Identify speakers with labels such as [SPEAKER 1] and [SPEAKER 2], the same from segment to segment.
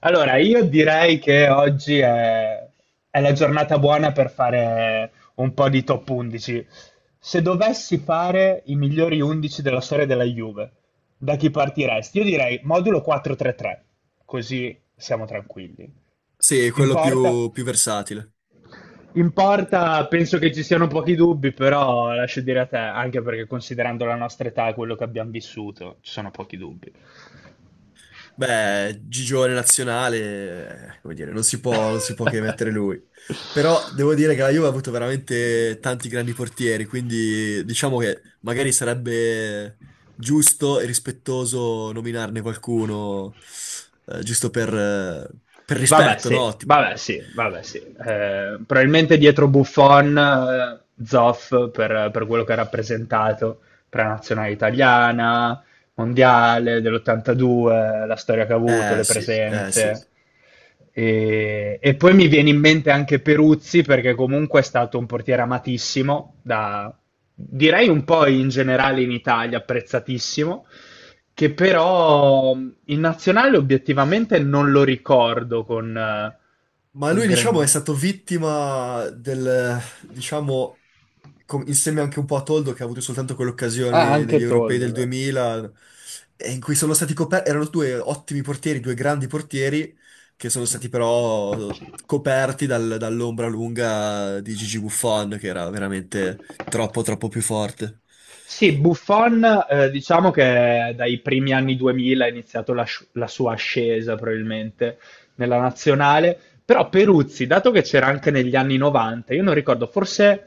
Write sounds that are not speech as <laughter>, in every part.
[SPEAKER 1] Allora, io direi che oggi è la giornata buona per fare un po' di top 11. Se dovessi fare i migliori 11 della storia della Juve, da chi partiresti? Io direi modulo 4-3-3, così siamo tranquilli.
[SPEAKER 2] Sì, è
[SPEAKER 1] In
[SPEAKER 2] quello
[SPEAKER 1] porta?
[SPEAKER 2] più, più versatile.
[SPEAKER 1] In porta penso che ci siano pochi dubbi, però lascio dire a te, anche perché considerando la nostra età e quello che abbiamo vissuto, ci sono pochi dubbi.
[SPEAKER 2] Beh, Gigione nazionale, come dire, non si può, non si può che mettere lui.
[SPEAKER 1] <laughs>
[SPEAKER 2] Però devo dire che la Juve ha avuto veramente tanti grandi portieri, quindi diciamo che magari sarebbe giusto e rispettoso nominarne qualcuno, giusto per
[SPEAKER 1] Vabbè
[SPEAKER 2] rispetto,
[SPEAKER 1] sì,
[SPEAKER 2] no?
[SPEAKER 1] vabbè sì, vabbè sì. Probabilmente dietro Buffon, Zoff per quello che ha rappresentato per la nazionale italiana, mondiale dell'82, la storia che ha avuto,
[SPEAKER 2] Eh
[SPEAKER 1] le
[SPEAKER 2] sì, eh sì.
[SPEAKER 1] presenze. E poi mi viene in mente anche Peruzzi perché comunque è stato un portiere amatissimo da, direi un po' in generale in Italia, apprezzatissimo, che però in nazionale obiettivamente non lo ricordo
[SPEAKER 2] Ma
[SPEAKER 1] con
[SPEAKER 2] lui, diciamo, è
[SPEAKER 1] grandi...
[SPEAKER 2] stato vittima del, diciamo, insieme anche un po' a Toldo, che ha avuto soltanto quell'occasione
[SPEAKER 1] Ah, anche
[SPEAKER 2] negli europei
[SPEAKER 1] Toldo,
[SPEAKER 2] del
[SPEAKER 1] vero.
[SPEAKER 2] 2000, e in cui sono stati coperti, erano due ottimi portieri, due grandi portieri, che sono stati però coperti dall'ombra lunga di Gigi Buffon, che era veramente troppo, troppo più forte.
[SPEAKER 1] Sì, Buffon, diciamo che dai primi anni 2000 ha iniziato la sua ascesa probabilmente nella nazionale, però Peruzzi, dato che c'era anche negli anni 90, io non ricordo, forse,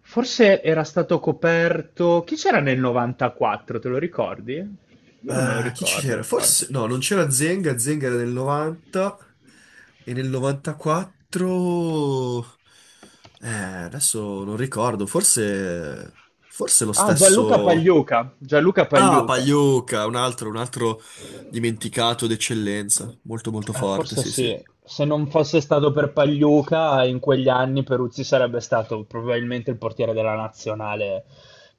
[SPEAKER 1] forse era stato coperto... Chi c'era nel 94, te lo ricordi? Io non me lo
[SPEAKER 2] Chi ci
[SPEAKER 1] ricordo, non
[SPEAKER 2] c'era?
[SPEAKER 1] importa.
[SPEAKER 2] Forse no, non c'era Zenga, Zenga era nel 90 e nel 94. Eh, adesso non ricordo, forse forse lo
[SPEAKER 1] Ah, Gianluca
[SPEAKER 2] stesso.
[SPEAKER 1] Pagliuca, Gianluca
[SPEAKER 2] Ah,
[SPEAKER 1] Pagliuca.
[SPEAKER 2] Pagliuca, un altro dimenticato d'eccellenza, molto molto forte,
[SPEAKER 1] Forse
[SPEAKER 2] sì, sì.
[SPEAKER 1] sì. Se non fosse stato per Pagliuca, in quegli anni Peruzzi sarebbe stato probabilmente il portiere della nazionale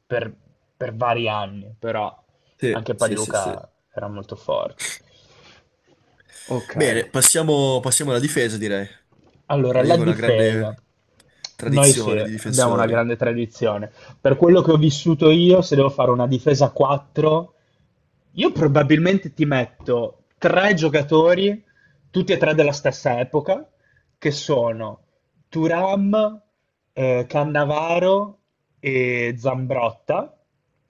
[SPEAKER 1] per, per vari anni, però
[SPEAKER 2] Sì,
[SPEAKER 1] anche
[SPEAKER 2] sì, sì, sì.
[SPEAKER 1] Pagliuca era molto forte. Ok.
[SPEAKER 2] Bene, passiamo alla difesa, direi.
[SPEAKER 1] Allora,
[SPEAKER 2] La
[SPEAKER 1] la
[SPEAKER 2] Juve ha una
[SPEAKER 1] difesa.
[SPEAKER 2] grande
[SPEAKER 1] Noi sì,
[SPEAKER 2] tradizione di
[SPEAKER 1] abbiamo una
[SPEAKER 2] difensori.
[SPEAKER 1] grande tradizione. Per quello che ho vissuto io, se devo fare una difesa a 4, io probabilmente ti metto tre giocatori, tutti e tre della stessa epoca, che sono Thuram, Cannavaro e Zambrotta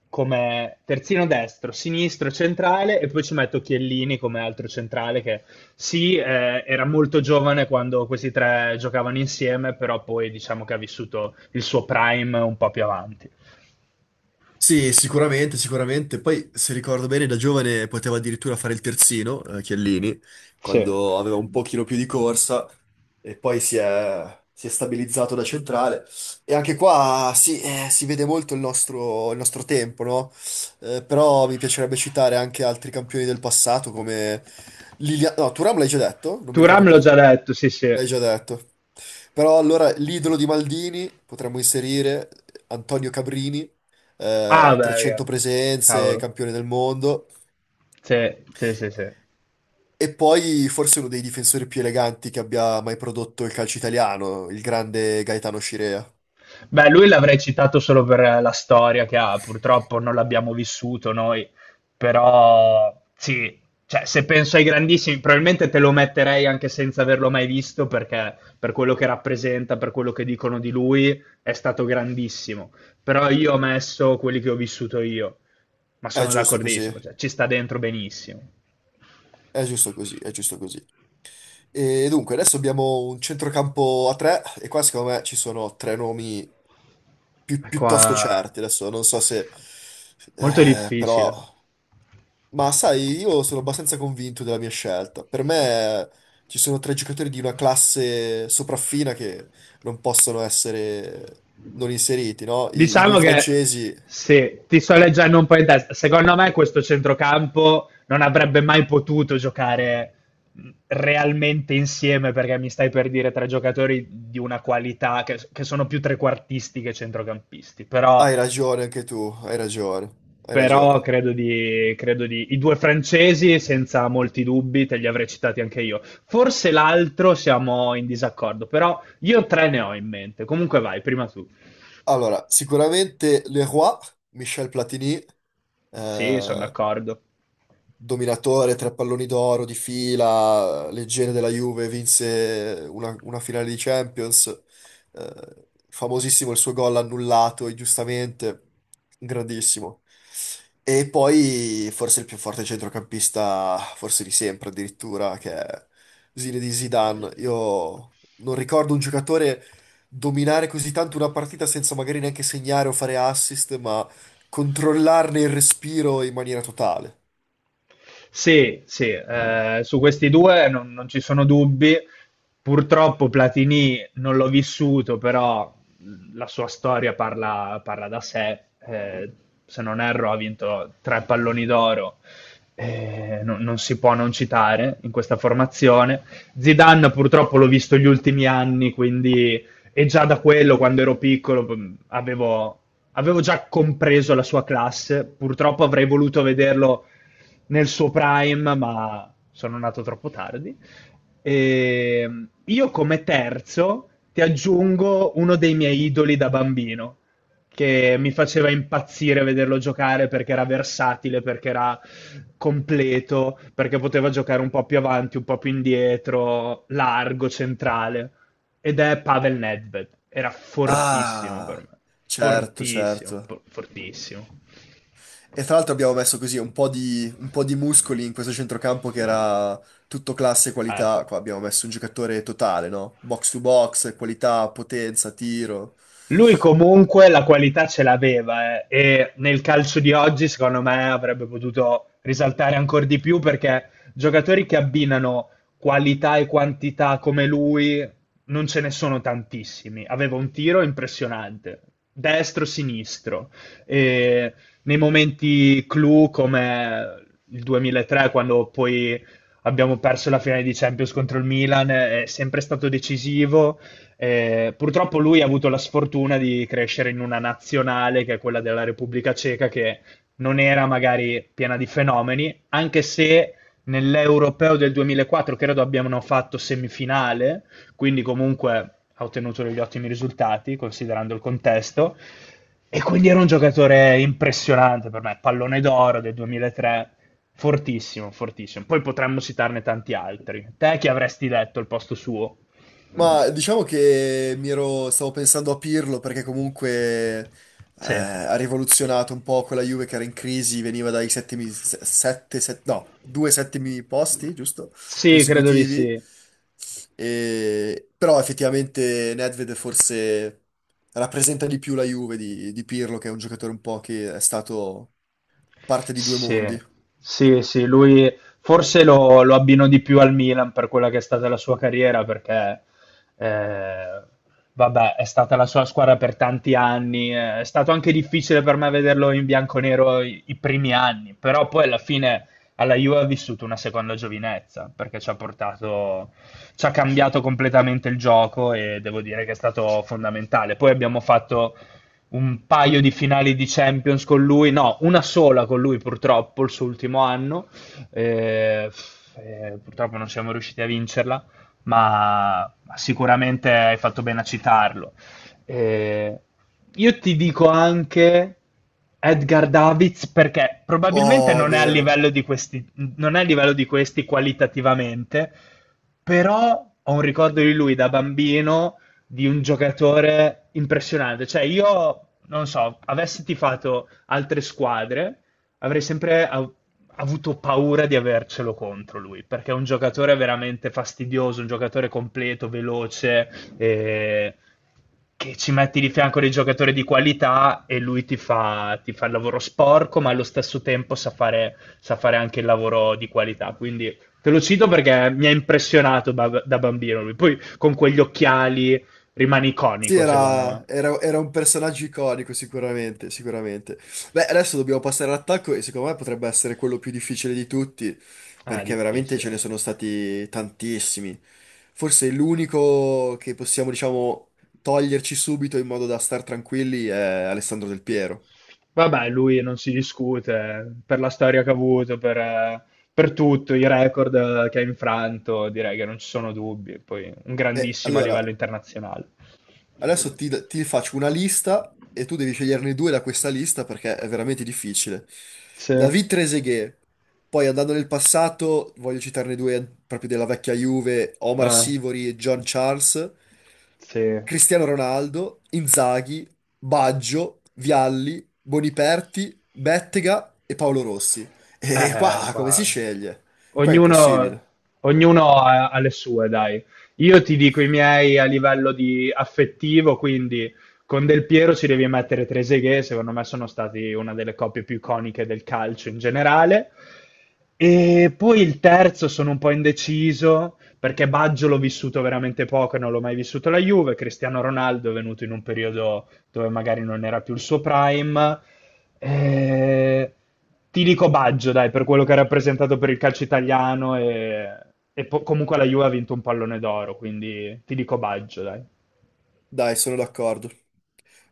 [SPEAKER 1] come terzino destro, sinistro, centrale e poi ci metto Chiellini come altro centrale che sì, era molto giovane quando questi tre giocavano insieme, però poi diciamo che ha vissuto il suo prime un po' più avanti.
[SPEAKER 2] Sì, sicuramente, sicuramente. Poi, se ricordo bene, da giovane poteva addirittura fare il terzino, Chiellini,
[SPEAKER 1] Sì.
[SPEAKER 2] quando aveva un pochino più di corsa e poi si è stabilizzato da centrale. E anche qua sì, si vede molto il nostro tempo, no? Però mi piacerebbe citare anche altri campioni del passato come Liliano... No, Thuram l'hai già detto? Non mi ricordo
[SPEAKER 1] Turam l'ho
[SPEAKER 2] più.
[SPEAKER 1] già detto, sì sì.
[SPEAKER 2] L'hai già detto. Però allora l'idolo di Maldini potremmo inserire Antonio Cabrini,
[SPEAKER 1] Ah beh, raga.
[SPEAKER 2] 300 presenze,
[SPEAKER 1] Cavolo.
[SPEAKER 2] campione del mondo.
[SPEAKER 1] Sì, sì, sì, sì.
[SPEAKER 2] E poi forse uno dei difensori più eleganti che abbia mai prodotto il calcio italiano, il grande Gaetano Scirea.
[SPEAKER 1] Beh, lui l'avrei citato solo per la storia che ha, purtroppo non l'abbiamo vissuto noi, però sì, cioè, se penso ai grandissimi, probabilmente te lo metterei anche senza averlo mai visto, perché per quello che rappresenta, per quello che dicono di lui, è stato grandissimo. Però io ho messo quelli che ho vissuto io, ma
[SPEAKER 2] È
[SPEAKER 1] sono
[SPEAKER 2] giusto così,
[SPEAKER 1] d'accordissimo, cioè, ci sta dentro benissimo.
[SPEAKER 2] è giusto così, è giusto così. E dunque, adesso abbiamo un centrocampo a tre e qua secondo me ci sono tre nomi
[SPEAKER 1] È
[SPEAKER 2] piuttosto
[SPEAKER 1] qua
[SPEAKER 2] certi. Adesso non so se...
[SPEAKER 1] molto
[SPEAKER 2] Eh, però.
[SPEAKER 1] difficile.
[SPEAKER 2] Ma sai, io sono abbastanza convinto della mia scelta. Per me ci sono tre giocatori di una classe sopraffina che non possono essere non inseriti, no? I due
[SPEAKER 1] Diciamo che
[SPEAKER 2] francesi,
[SPEAKER 1] sì, ti sto leggendo un po' in testa. Secondo me questo centrocampo non avrebbe mai potuto giocare realmente insieme perché mi stai per dire tre giocatori di una qualità che sono più trequartisti che centrocampisti. Però,
[SPEAKER 2] hai ragione anche tu, hai ragione, hai
[SPEAKER 1] però
[SPEAKER 2] ragione.
[SPEAKER 1] credo di... I due francesi, senza molti dubbi, te li avrei citati anche io. Forse l'altro siamo in disaccordo, però io tre ne ho in mente. Comunque vai, prima tu.
[SPEAKER 2] Allora, sicuramente Leroy, Michel Platini,
[SPEAKER 1] Sì, sono
[SPEAKER 2] eh,
[SPEAKER 1] d'accordo.
[SPEAKER 2] dominatore, tre palloni d'oro di fila, leggenda della Juve, vinse una finale di Champions, famosissimo il suo gol annullato, e giustamente, grandissimo. E poi forse il più forte centrocampista, forse di sempre addirittura, che è di Zidane. Io non ricordo un giocatore dominare così tanto una partita senza magari neanche segnare o fare assist, ma controllarne il respiro in maniera totale.
[SPEAKER 1] Sì, sì, su questi due non ci sono dubbi. Purtroppo Platini non l'ho vissuto, però la sua storia parla, parla da sé. Eh, Se non erro, ha vinto tre palloni d'oro. Non si può non citare in questa formazione. Zidane purtroppo l'ho visto gli ultimi anni, quindi e già da quello, quando ero piccolo, avevo già compreso la sua classe. Purtroppo avrei voluto vederlo nel suo prime, ma sono nato troppo tardi. E io come terzo ti aggiungo uno dei miei idoli da bambino, che mi faceva impazzire vederlo giocare perché era versatile, perché era completo, perché poteva giocare un po' più avanti, un po' più indietro, largo, centrale. Ed è Pavel Nedved. Era fortissimo per
[SPEAKER 2] Ah,
[SPEAKER 1] me.
[SPEAKER 2] certo,
[SPEAKER 1] Fortissimo,
[SPEAKER 2] certo.
[SPEAKER 1] fortissimo.
[SPEAKER 2] E tra l'altro abbiamo messo così un po' di muscoli in questo centrocampo che era tutto classe e
[SPEAKER 1] Ah,
[SPEAKER 2] qualità.
[SPEAKER 1] ecco.
[SPEAKER 2] Qua abbiamo messo un giocatore totale, no? Box to box, qualità, potenza, tiro.
[SPEAKER 1] Lui comunque la qualità ce l'aveva, e nel calcio di oggi secondo me avrebbe potuto risaltare ancora di più perché giocatori che abbinano qualità e quantità come lui non ce ne sono tantissimi. Aveva un tiro impressionante, destro-sinistro e nei momenti clou come il 2003 quando poi abbiamo perso la finale di Champions contro il Milan è sempre stato decisivo. Purtroppo lui ha avuto la sfortuna di crescere in una nazionale che è quella della Repubblica Ceca, che non era magari piena di fenomeni, anche se nell'Europeo del 2004 credo abbiano fatto semifinale, quindi comunque ha ottenuto degli ottimi risultati considerando il contesto. E quindi era un giocatore impressionante per me, pallone d'oro del 2003, fortissimo, fortissimo. Poi potremmo citarne tanti altri. Te chi avresti detto al posto suo?
[SPEAKER 2] Ma diciamo che stavo pensando a Pirlo perché comunque eh,
[SPEAKER 1] Sì.
[SPEAKER 2] ha rivoluzionato un po' quella Juve che era in crisi, veniva dai settimi, se- sette, set- no, due settimi posti, giusto?
[SPEAKER 1] Sì, credo di
[SPEAKER 2] Consecutivi.
[SPEAKER 1] sì.
[SPEAKER 2] Però effettivamente Nedved forse rappresenta di più la Juve di Pirlo, che è un giocatore un po' che è stato parte di due
[SPEAKER 1] Sì,
[SPEAKER 2] mondi.
[SPEAKER 1] sì, sì, lui forse lo abbino di più al Milan per quella che è stata la sua carriera, perché eh, vabbè, è stata la sua squadra per tanti anni, è stato anche difficile per me vederlo in bianconero i primi anni, però poi alla fine alla Juve ha vissuto una seconda giovinezza, perché ci ha portato, ci ha cambiato completamente il gioco e devo dire che è stato fondamentale. Poi abbiamo fatto un paio di finali di Champions con lui, no, una sola con lui purtroppo, il suo ultimo anno, eh, purtroppo non siamo riusciti a vincerla, ma sicuramente hai fatto bene a citarlo. Eh, io ti dico anche Edgar Davids perché probabilmente
[SPEAKER 2] Oh, è
[SPEAKER 1] non è a
[SPEAKER 2] vero.
[SPEAKER 1] livello di questi, non è a livello di questi qualitativamente, però ho un ricordo di lui da bambino di un giocatore impressionante. Cioè, io non so, avessi tifato altre squadre, avrei sempre avuto paura di avercelo contro lui, perché è un giocatore veramente fastidioso, un giocatore completo, veloce, eh, che ci metti di fianco dei giocatori di qualità e lui ti fa il lavoro sporco, ma allo stesso tempo sa fare anche il lavoro di qualità. Quindi te lo cito perché mi ha impressionato da bambino lui. Poi con quegli occhiali rimane
[SPEAKER 2] Sì,
[SPEAKER 1] iconico, secondo me.
[SPEAKER 2] era un personaggio iconico, sicuramente, sicuramente. Beh, adesso dobbiamo passare all'attacco e secondo me potrebbe essere quello più difficile di tutti,
[SPEAKER 1] È
[SPEAKER 2] perché veramente ce ne
[SPEAKER 1] difficile.
[SPEAKER 2] sono stati tantissimi. Forse l'unico che possiamo, diciamo, toglierci subito in modo da star tranquilli è Alessandro Del Piero.
[SPEAKER 1] Vabbè, lui non si discute per la storia che ha avuto, per tutto, i record, che ha infranto, direi che non ci sono dubbi. Poi un
[SPEAKER 2] E
[SPEAKER 1] grandissimo a
[SPEAKER 2] allora,
[SPEAKER 1] livello internazionale.
[SPEAKER 2] adesso ti faccio una lista e tu devi sceglierne due da questa lista perché è veramente difficile.
[SPEAKER 1] Sì,
[SPEAKER 2] David Trezeguet, poi andando nel passato, voglio citarne due proprio della vecchia Juve, Omar Sivori e John Charles,
[SPEAKER 1] sì.
[SPEAKER 2] Cristiano Ronaldo, Inzaghi, Baggio, Vialli, Boniperti, Bettega e Paolo Rossi. E qua come si
[SPEAKER 1] Qua.
[SPEAKER 2] sceglie? Qua è
[SPEAKER 1] Ognuno,
[SPEAKER 2] impossibile.
[SPEAKER 1] ognuno ha le sue, dai. Io ti dico i miei a livello di affettivo, quindi con Del Piero ci devi mettere Trezeguet, secondo me sono stati una delle coppie più iconiche del calcio in generale. E poi il terzo sono un po' indeciso, perché Baggio l'ho vissuto veramente poco e non l'ho mai vissuto la Juve, Cristiano Ronaldo è venuto in un periodo dove magari non era più il suo prime. Eh, Ti dico Baggio, dai, per quello che ha rappresentato per il calcio italiano e comunque la Juve ha vinto un pallone d'oro, quindi ti dico Baggio, dai.
[SPEAKER 2] Dai, sono d'accordo.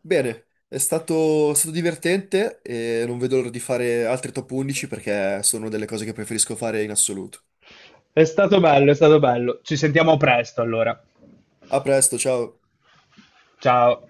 [SPEAKER 2] Bene, è stato divertente e non vedo l'ora di fare altri top 11 perché sono delle cose che preferisco fare in assoluto.
[SPEAKER 1] È stato bello, è stato bello. Ci sentiamo presto allora.
[SPEAKER 2] A presto, ciao!
[SPEAKER 1] Ciao.